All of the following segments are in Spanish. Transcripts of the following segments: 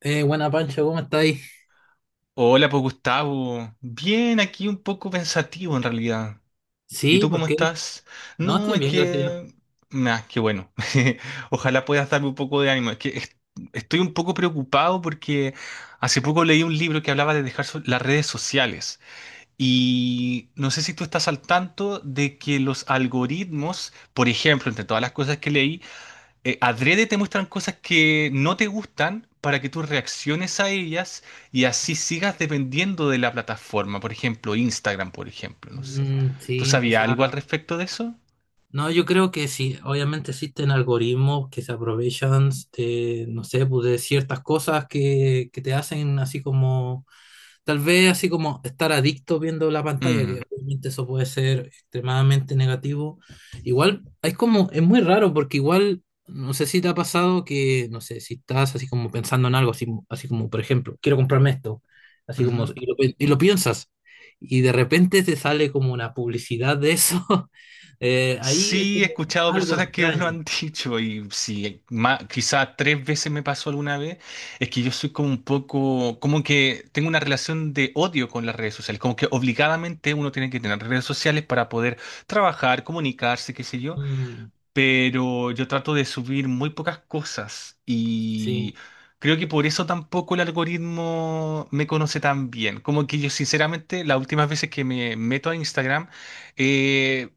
Buena Pancho, ¿cómo estáis? Hola, pues Gustavo. Bien, aquí un poco pensativo en realidad. ¿Y Sí, tú ¿por cómo qué? estás? No, No, estoy es bien, gracias a Dios. que... Nah, qué bueno. Ojalá puedas darme un poco de ánimo. Es que estoy un poco preocupado porque hace poco leí un libro que hablaba de dejar las redes sociales. Y no sé si tú estás al tanto de que los algoritmos, por ejemplo, entre todas las cosas que leí, adrede te muestran cosas que no te gustan para que tú reacciones a ellas y así sigas dependiendo de la plataforma. Por ejemplo, Instagram, por ejemplo, no sé. Mm, ¿Tú sí, o sabías sea, algo al respecto de eso? no, yo creo que sí, obviamente existen algoritmos que se aprovechan de, no sé, pues de ciertas cosas que te hacen así como tal vez así como estar adicto viendo la pantalla, que Mm, obviamente eso puede ser extremadamente negativo. Igual, es como, es muy raro porque igual, no sé si te ha pasado que, no sé, si estás así como pensando en algo, así, así como, por ejemplo, quiero comprarme esto, así ujú. como, y lo, y lo piensas, y de repente te sale como una publicidad de eso. Ahí es Sí, he como escuchado algo personas que lo extraño. han dicho y sí, quizá tres veces me pasó alguna vez, es que yo soy como un poco, como que tengo una relación de odio con las redes sociales, como que obligadamente uno tiene que tener redes sociales para poder trabajar, comunicarse, qué sé yo. Mm, Pero yo trato de subir muy pocas cosas y sí. creo que por eso tampoco el algoritmo me conoce tan bien. Como que yo sinceramente las últimas veces que me meto a Instagram eh,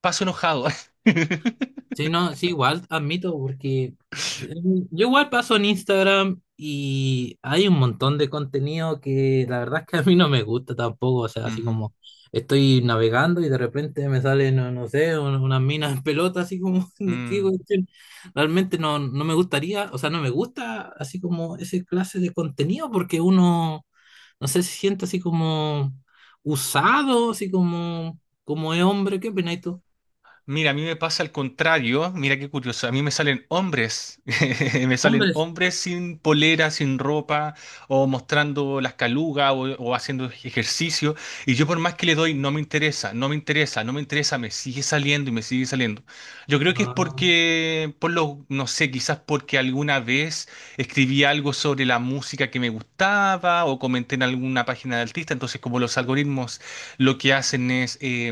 paso enojado. Sí, no, sí, igual admito, porque mm, yo igual paso en Instagram y hay un montón de contenido que la verdad es que a mí no me gusta tampoco, o sea, así Ujú. como estoy navegando y de repente me salen, no, no sé, unas minas en pelota, así como, ¿de qué Mm. cuestión? Realmente no, no me gustaría, o sea, no me gusta así como ese clase de contenido porque uno, no sé, se siente así como usado, así como, como es hombre, ¿qué opinas tú? Mira, a mí me pasa al contrario, mira qué curioso, a mí me salen hombres, me salen Hombres. hombres sin polera, sin ropa, o mostrando las calugas, o haciendo ejercicio, y yo por más que le doy, no me interesa, no me interesa, no me interesa, me sigue saliendo y me sigue saliendo. Yo creo que es No, porque, por lo, no sé, quizás porque alguna vez escribí algo sobre la música que me gustaba, o comenté en alguna página de artista, entonces como los algoritmos lo que hacen es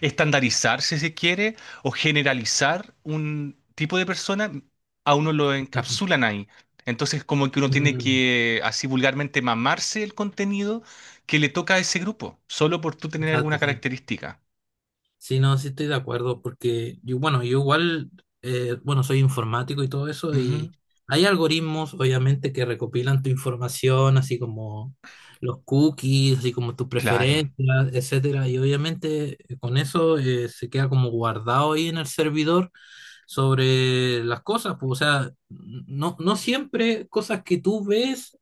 estandarizar, si se quiere, o generalizar un tipo de persona, a uno lo no, encapsulan ahí. Entonces, como que uno tiene mm, que, así vulgarmente, mamarse el contenido que le toca a ese grupo, solo por tú tener alguna exacto, sí. característica. Sí, no, sí estoy de acuerdo, porque yo, bueno, yo igual, bueno, soy informático y todo eso, Ujú, y hay algoritmos, obviamente, que recopilan tu información, así como los cookies, así como tus claro, preferencias, etcétera, y obviamente con eso se queda como guardado ahí en el servidor sobre las cosas, pues, o sea, no, no siempre cosas que tú ves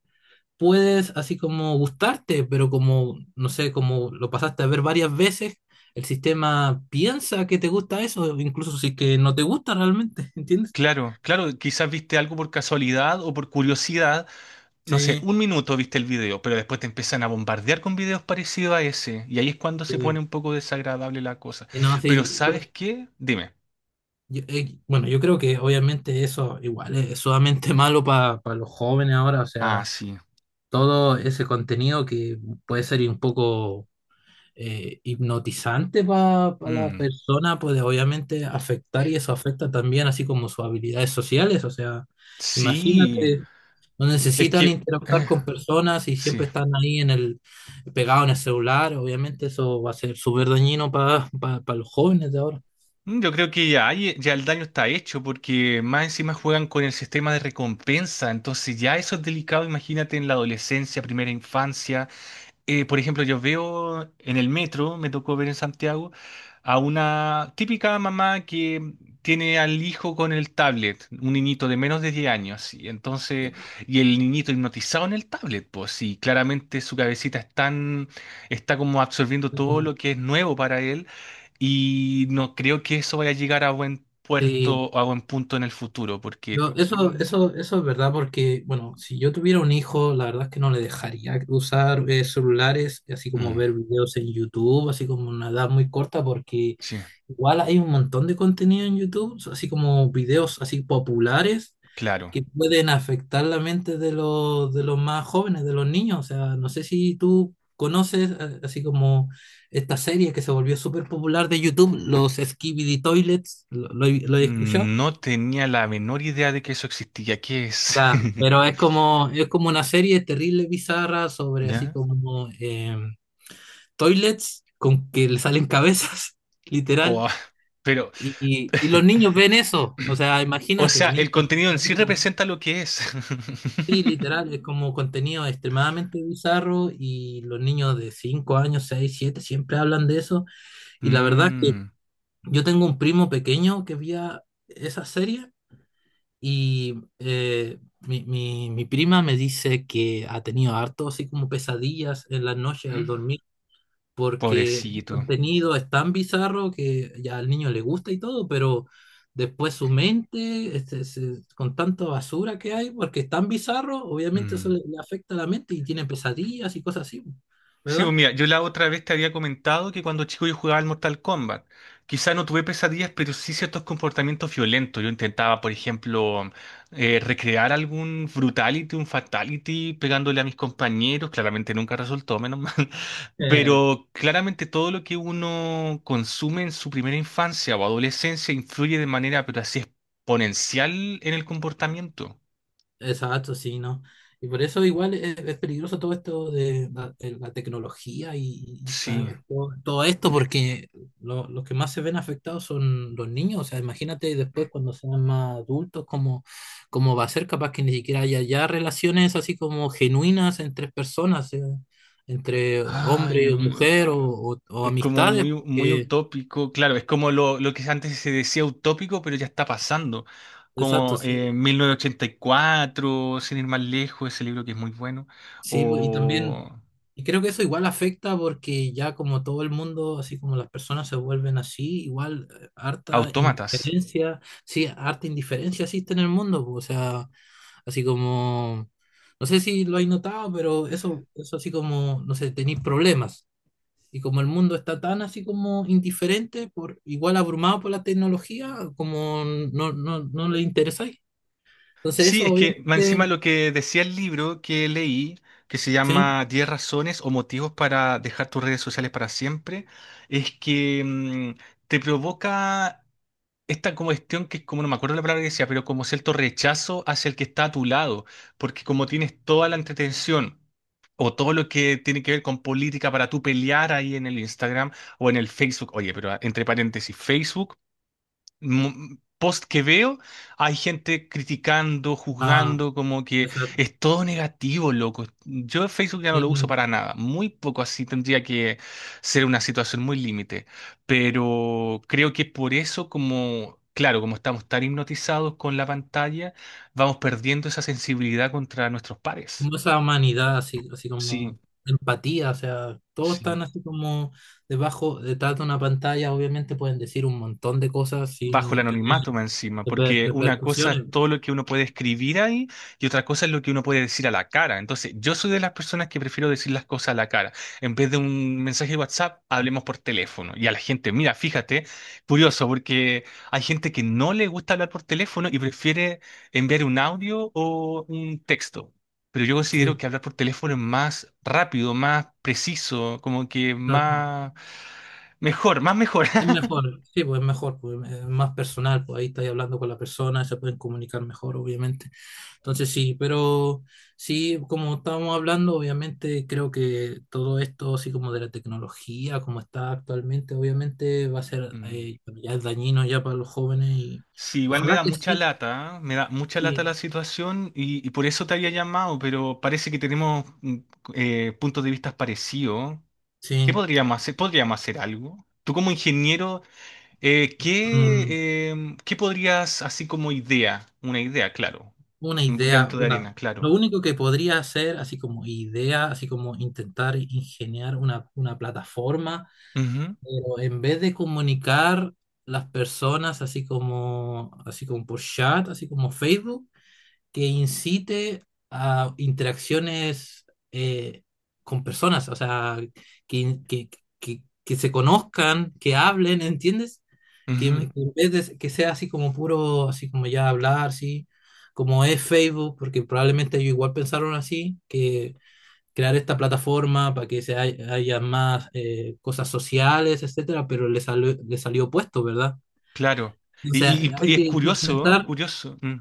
puedes así como gustarte, pero como, no sé, como lo pasaste a ver varias veces, el sistema piensa que te gusta eso, incluso si es que no te gusta realmente. ¿Entiendes? claro, claro. Quizás viste algo por casualidad o por curiosidad, no sé, Sí. un minuto viste el video, pero después te empiezan a bombardear con videos parecidos a ese, y ahí es cuando se pone Sí. un poco desagradable la cosa. Y no, Pero sí, bueno, ¿sabes qué? Dime. yo, bueno, yo creo que obviamente eso igual es sumamente malo para los jóvenes ahora, o Ah, sea, sí. todo ese contenido que puede ser un poco hipnotizante para la Mm, persona puede obviamente afectar y eso afecta también así como sus habilidades sociales. O sea, sí, imagínate, no es necesitan que... interactuar con personas y sí. siempre están ahí en el, pegado en el celular. Obviamente eso va a ser súper dañino para los jóvenes de ahora. Yo creo que ya, ya el daño está hecho porque más encima juegan con el sistema de recompensa, entonces ya eso es delicado, imagínate en la adolescencia, primera infancia. Por ejemplo, yo veo en el metro, me tocó ver en Santiago, a una típica mamá que tiene al hijo con el tablet, un niñito de menos de 10 años, y entonces, y el niñito hipnotizado en el tablet, pues sí, claramente su cabecita está como absorbiendo todo Ujú. lo que es nuevo para él, y no creo que eso vaya a llegar a buen Sí, puerto o a buen punto en el futuro, porque no, también... eso es verdad porque, bueno, si yo tuviera un hijo, la verdad es que no le dejaría usar celulares, así como Mm, ver videos en YouTube, así como una edad muy corta, porque sí, igual hay un montón de contenido en YouTube, so, así como videos así populares claro. que pueden afectar la mente de los más jóvenes, de los niños. O sea, no sé si tú conoces así como esta serie que se volvió súper popular de YouTube, los Skibidi Toilets, ¿ lo has escuchado? No tenía la menor idea de que eso existía. ¿Qué es? Ya, pero es como una serie terrible, bizarra, sobre así ¿Ya? como toilets con que le salen cabezas, literal. Oh, pero, Y los niños ven eso, o sea, o imagínate, sea, niños el contenido en así sí como, representa lo que es. sí, literal, es como contenido extremadamente bizarro y los niños de 5 años, 6 7 siempre hablan de eso. Y la verdad es que Mm, yo tengo un primo pequeño que veía esa serie y mi prima me dice que ha tenido harto así como pesadillas en las noches al mm, dormir, porque el pobrecito. contenido es tan bizarro que ya al niño le gusta y todo, pero después su mente, este, con tanta basura que hay, porque es tan bizarro, obviamente eso Mm. le, le afecta a la mente y tiene pesadillas y cosas así, Sí, pues ¿verdad? mira, yo la otra vez te había comentado que cuando chico yo jugaba al Mortal Kombat. Quizá no tuve pesadillas, pero sí ciertos comportamientos violentos. Yo intentaba, por ejemplo, recrear algún brutality, un fatality, pegándole a mis compañeros. Claramente nunca resultó, menos mal. Pero claramente todo lo que uno consume en su primera infancia o adolescencia influye de manera, pero así exponencial en el comportamiento. Exacto, sí, ¿no? Y por eso igual es peligroso todo esto de la tecnología y Sí. Todo, todo esto, porque los que más se ven afectados son los niños. O sea, imagínate después cuando sean más adultos, cómo, cómo va a ser, capaz que ni siquiera haya ya relaciones así como genuinas entre personas, entre Ay, hombre o mujer o, o es como amistades. muy, muy Que, utópico, claro, es como lo que antes se decía utópico, pero ya está pasando. exacto, Como sí. 1984, sin ir más lejos, ese libro que es muy bueno, Sí, pues, y o también, y creo que eso igual afecta porque ya como todo el mundo, así como las personas se vuelven así, igual harta Autómatas. indiferencia, sí, harta indiferencia existe en el mundo, pues, o sea, así como, no sé si lo hay notado, pero eso así como, no sé, tenéis problemas. Y como el mundo está tan así como indiferente, por, igual abrumado por la tecnología, como no le interesáis. Entonces Sí, eso es que más encima obviamente, lo que decía el libro que leí, que se sí, llama 10 razones o motivos para dejar tus redes sociales para siempre, es que mm, te provoca esta como cuestión que es como, no me acuerdo la palabra que decía, pero como cierto rechazo hacia el que está a tu lado, porque como tienes toda la entretención o todo lo que tiene que ver con política para tú pelear ahí en el Instagram o en el Facebook. Oye, pero ah, entre paréntesis, Facebook, post que veo, hay gente criticando, ah, juzgando, como que exacto. es todo negativo, loco. Yo Facebook ya no lo uso Sí. para nada, muy poco, así tendría que ser una situación muy límite, pero creo que por eso como... Claro, como estamos tan hipnotizados con la pantalla, vamos perdiendo esa sensibilidad contra nuestros pares. Como esa humanidad, así, así Sí, como empatía, o sea, todos sí. están así como debajo, detrás de una pantalla, obviamente pueden decir un montón de cosas Bajo el sin tener anonimato más encima, porque una cosa es repercusiones. todo lo que uno puede escribir ahí y otra cosa es lo que uno puede decir a la cara. Entonces, yo soy de las personas que prefiero decir las cosas a la cara. En vez de un mensaje de WhatsApp, hablemos por teléfono. Y a la gente, mira, fíjate, curioso, porque hay gente que no le gusta hablar por teléfono y prefiere enviar un audio o un texto. Pero yo Sí, considero que hablar por teléfono es más rápido, más preciso, como que más mejor, más mejor. es mejor, sí, pues es mejor, pues es más personal, pues ahí estáis hablando con la persona, se pueden comunicar mejor, obviamente. Entonces sí, pero sí, como estábamos hablando, obviamente creo que todo esto, así como de la tecnología, como está actualmente, obviamente va a ser, ya es dañino ya para los jóvenes y Sí, igual me ojalá da que mucha sí, lata, ¿eh? Me da mucha lata sí, la situación y por eso te había llamado, pero parece que tenemos puntos de vista parecidos. ¿Qué sí. podríamos hacer? ¿Podríamos hacer algo? Tú como ingeniero, Mm, ¿qué podrías, así como idea, una idea, claro, una un idea, granito de una, arena, lo claro. único que podría hacer, así como idea, así como intentar ingeniar una plataforma. Ujú, Pero en vez de comunicar las personas así como por chat, así como Facebook, que incite a interacciones eh, con personas, o sea, que, que, que se conozcan, que hablen, ¿entiendes? Que, ujú, que en vez de que sea así como puro, así como ya hablar, sí, como es Facebook, porque probablemente ellos igual pensaron así, que crear esta plataforma para que se haya más cosas sociales, etcétera, pero le salió opuesto, ¿verdad? claro. O Y, sea, y- y- y es curioso, ¿eh? Es curioso. Mm,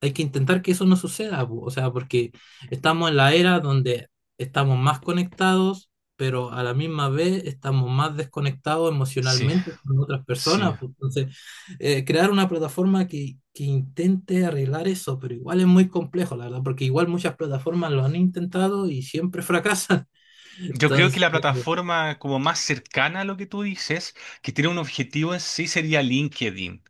hay que intentar que eso no suceda, po, o sea, porque estamos en la era donde estamos más conectados, pero a la misma vez estamos más desconectados sí, emocionalmente con otras sí. personas, po. Entonces, crear una plataforma que intente arreglar eso, pero igual es muy complejo, la verdad, porque igual muchas plataformas lo han intentado y siempre fracasan. Yo creo que Entonces, la plataforma como más cercana a lo que tú dices, que tiene un objetivo en sí, sería LinkedIn.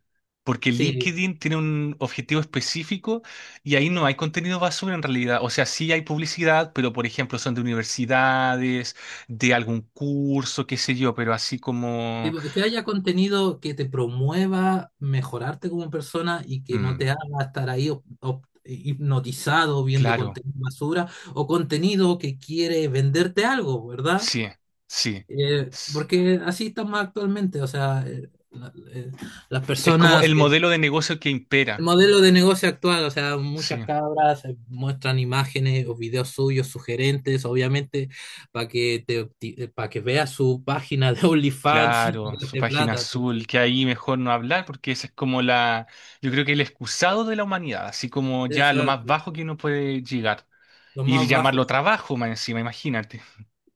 Porque sí, LinkedIn tiene un objetivo específico y ahí no hay contenido basura en realidad. O sea, sí hay publicidad, pero por ejemplo son de universidades, de algún curso, qué sé yo, pero así como... tipo, que haya contenido que te promueva mejorarte como persona y que mm, no te haga estar ahí hipnotizado viendo claro, contenido basura o contenido que quiere venderte algo, ¿verdad? sí, sí. S- Porque así estamos actualmente, o sea, las Es como personas el modelo de negocio que el impera. modelo de negocio actual, o sea, muchas Sí. cabras muestran imágenes o videos suyos sugerentes, obviamente, para que te para que veas su página de OnlyFans y te Claro, su gaste página plata. azul, Entonces, que ahí mejor no hablar porque esa es como la, yo creo que el excusado de la humanidad, así como ya lo más exacto. bajo que uno puede llegar. Lo Y más bajo, llamarlo sí, trabajo más encima, imagínate.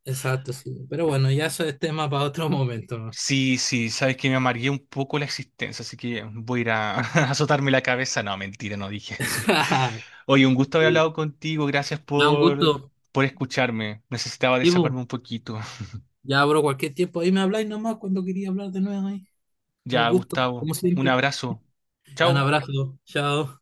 exacto, sí. Pero bueno, ya eso es tema para otro momento, ¿no? Sí, sí, sabes que me amargué un poco la existencia, así que voy a ir a azotarme la cabeza. No, mentira, no dije eso. Oye, un gusto haber Sí. hablado contigo, gracias Ya, un por, gusto. por escucharme. Necesitaba Sí, desahogarme bu. un poquito. Ya abro cualquier tiempo. Ahí me habláis nomás cuando quería hablar de nuevo ahí. Un Ya, gusto, Gustavo, como un siempre. abrazo. Ya, un Chao. abrazo. Chao.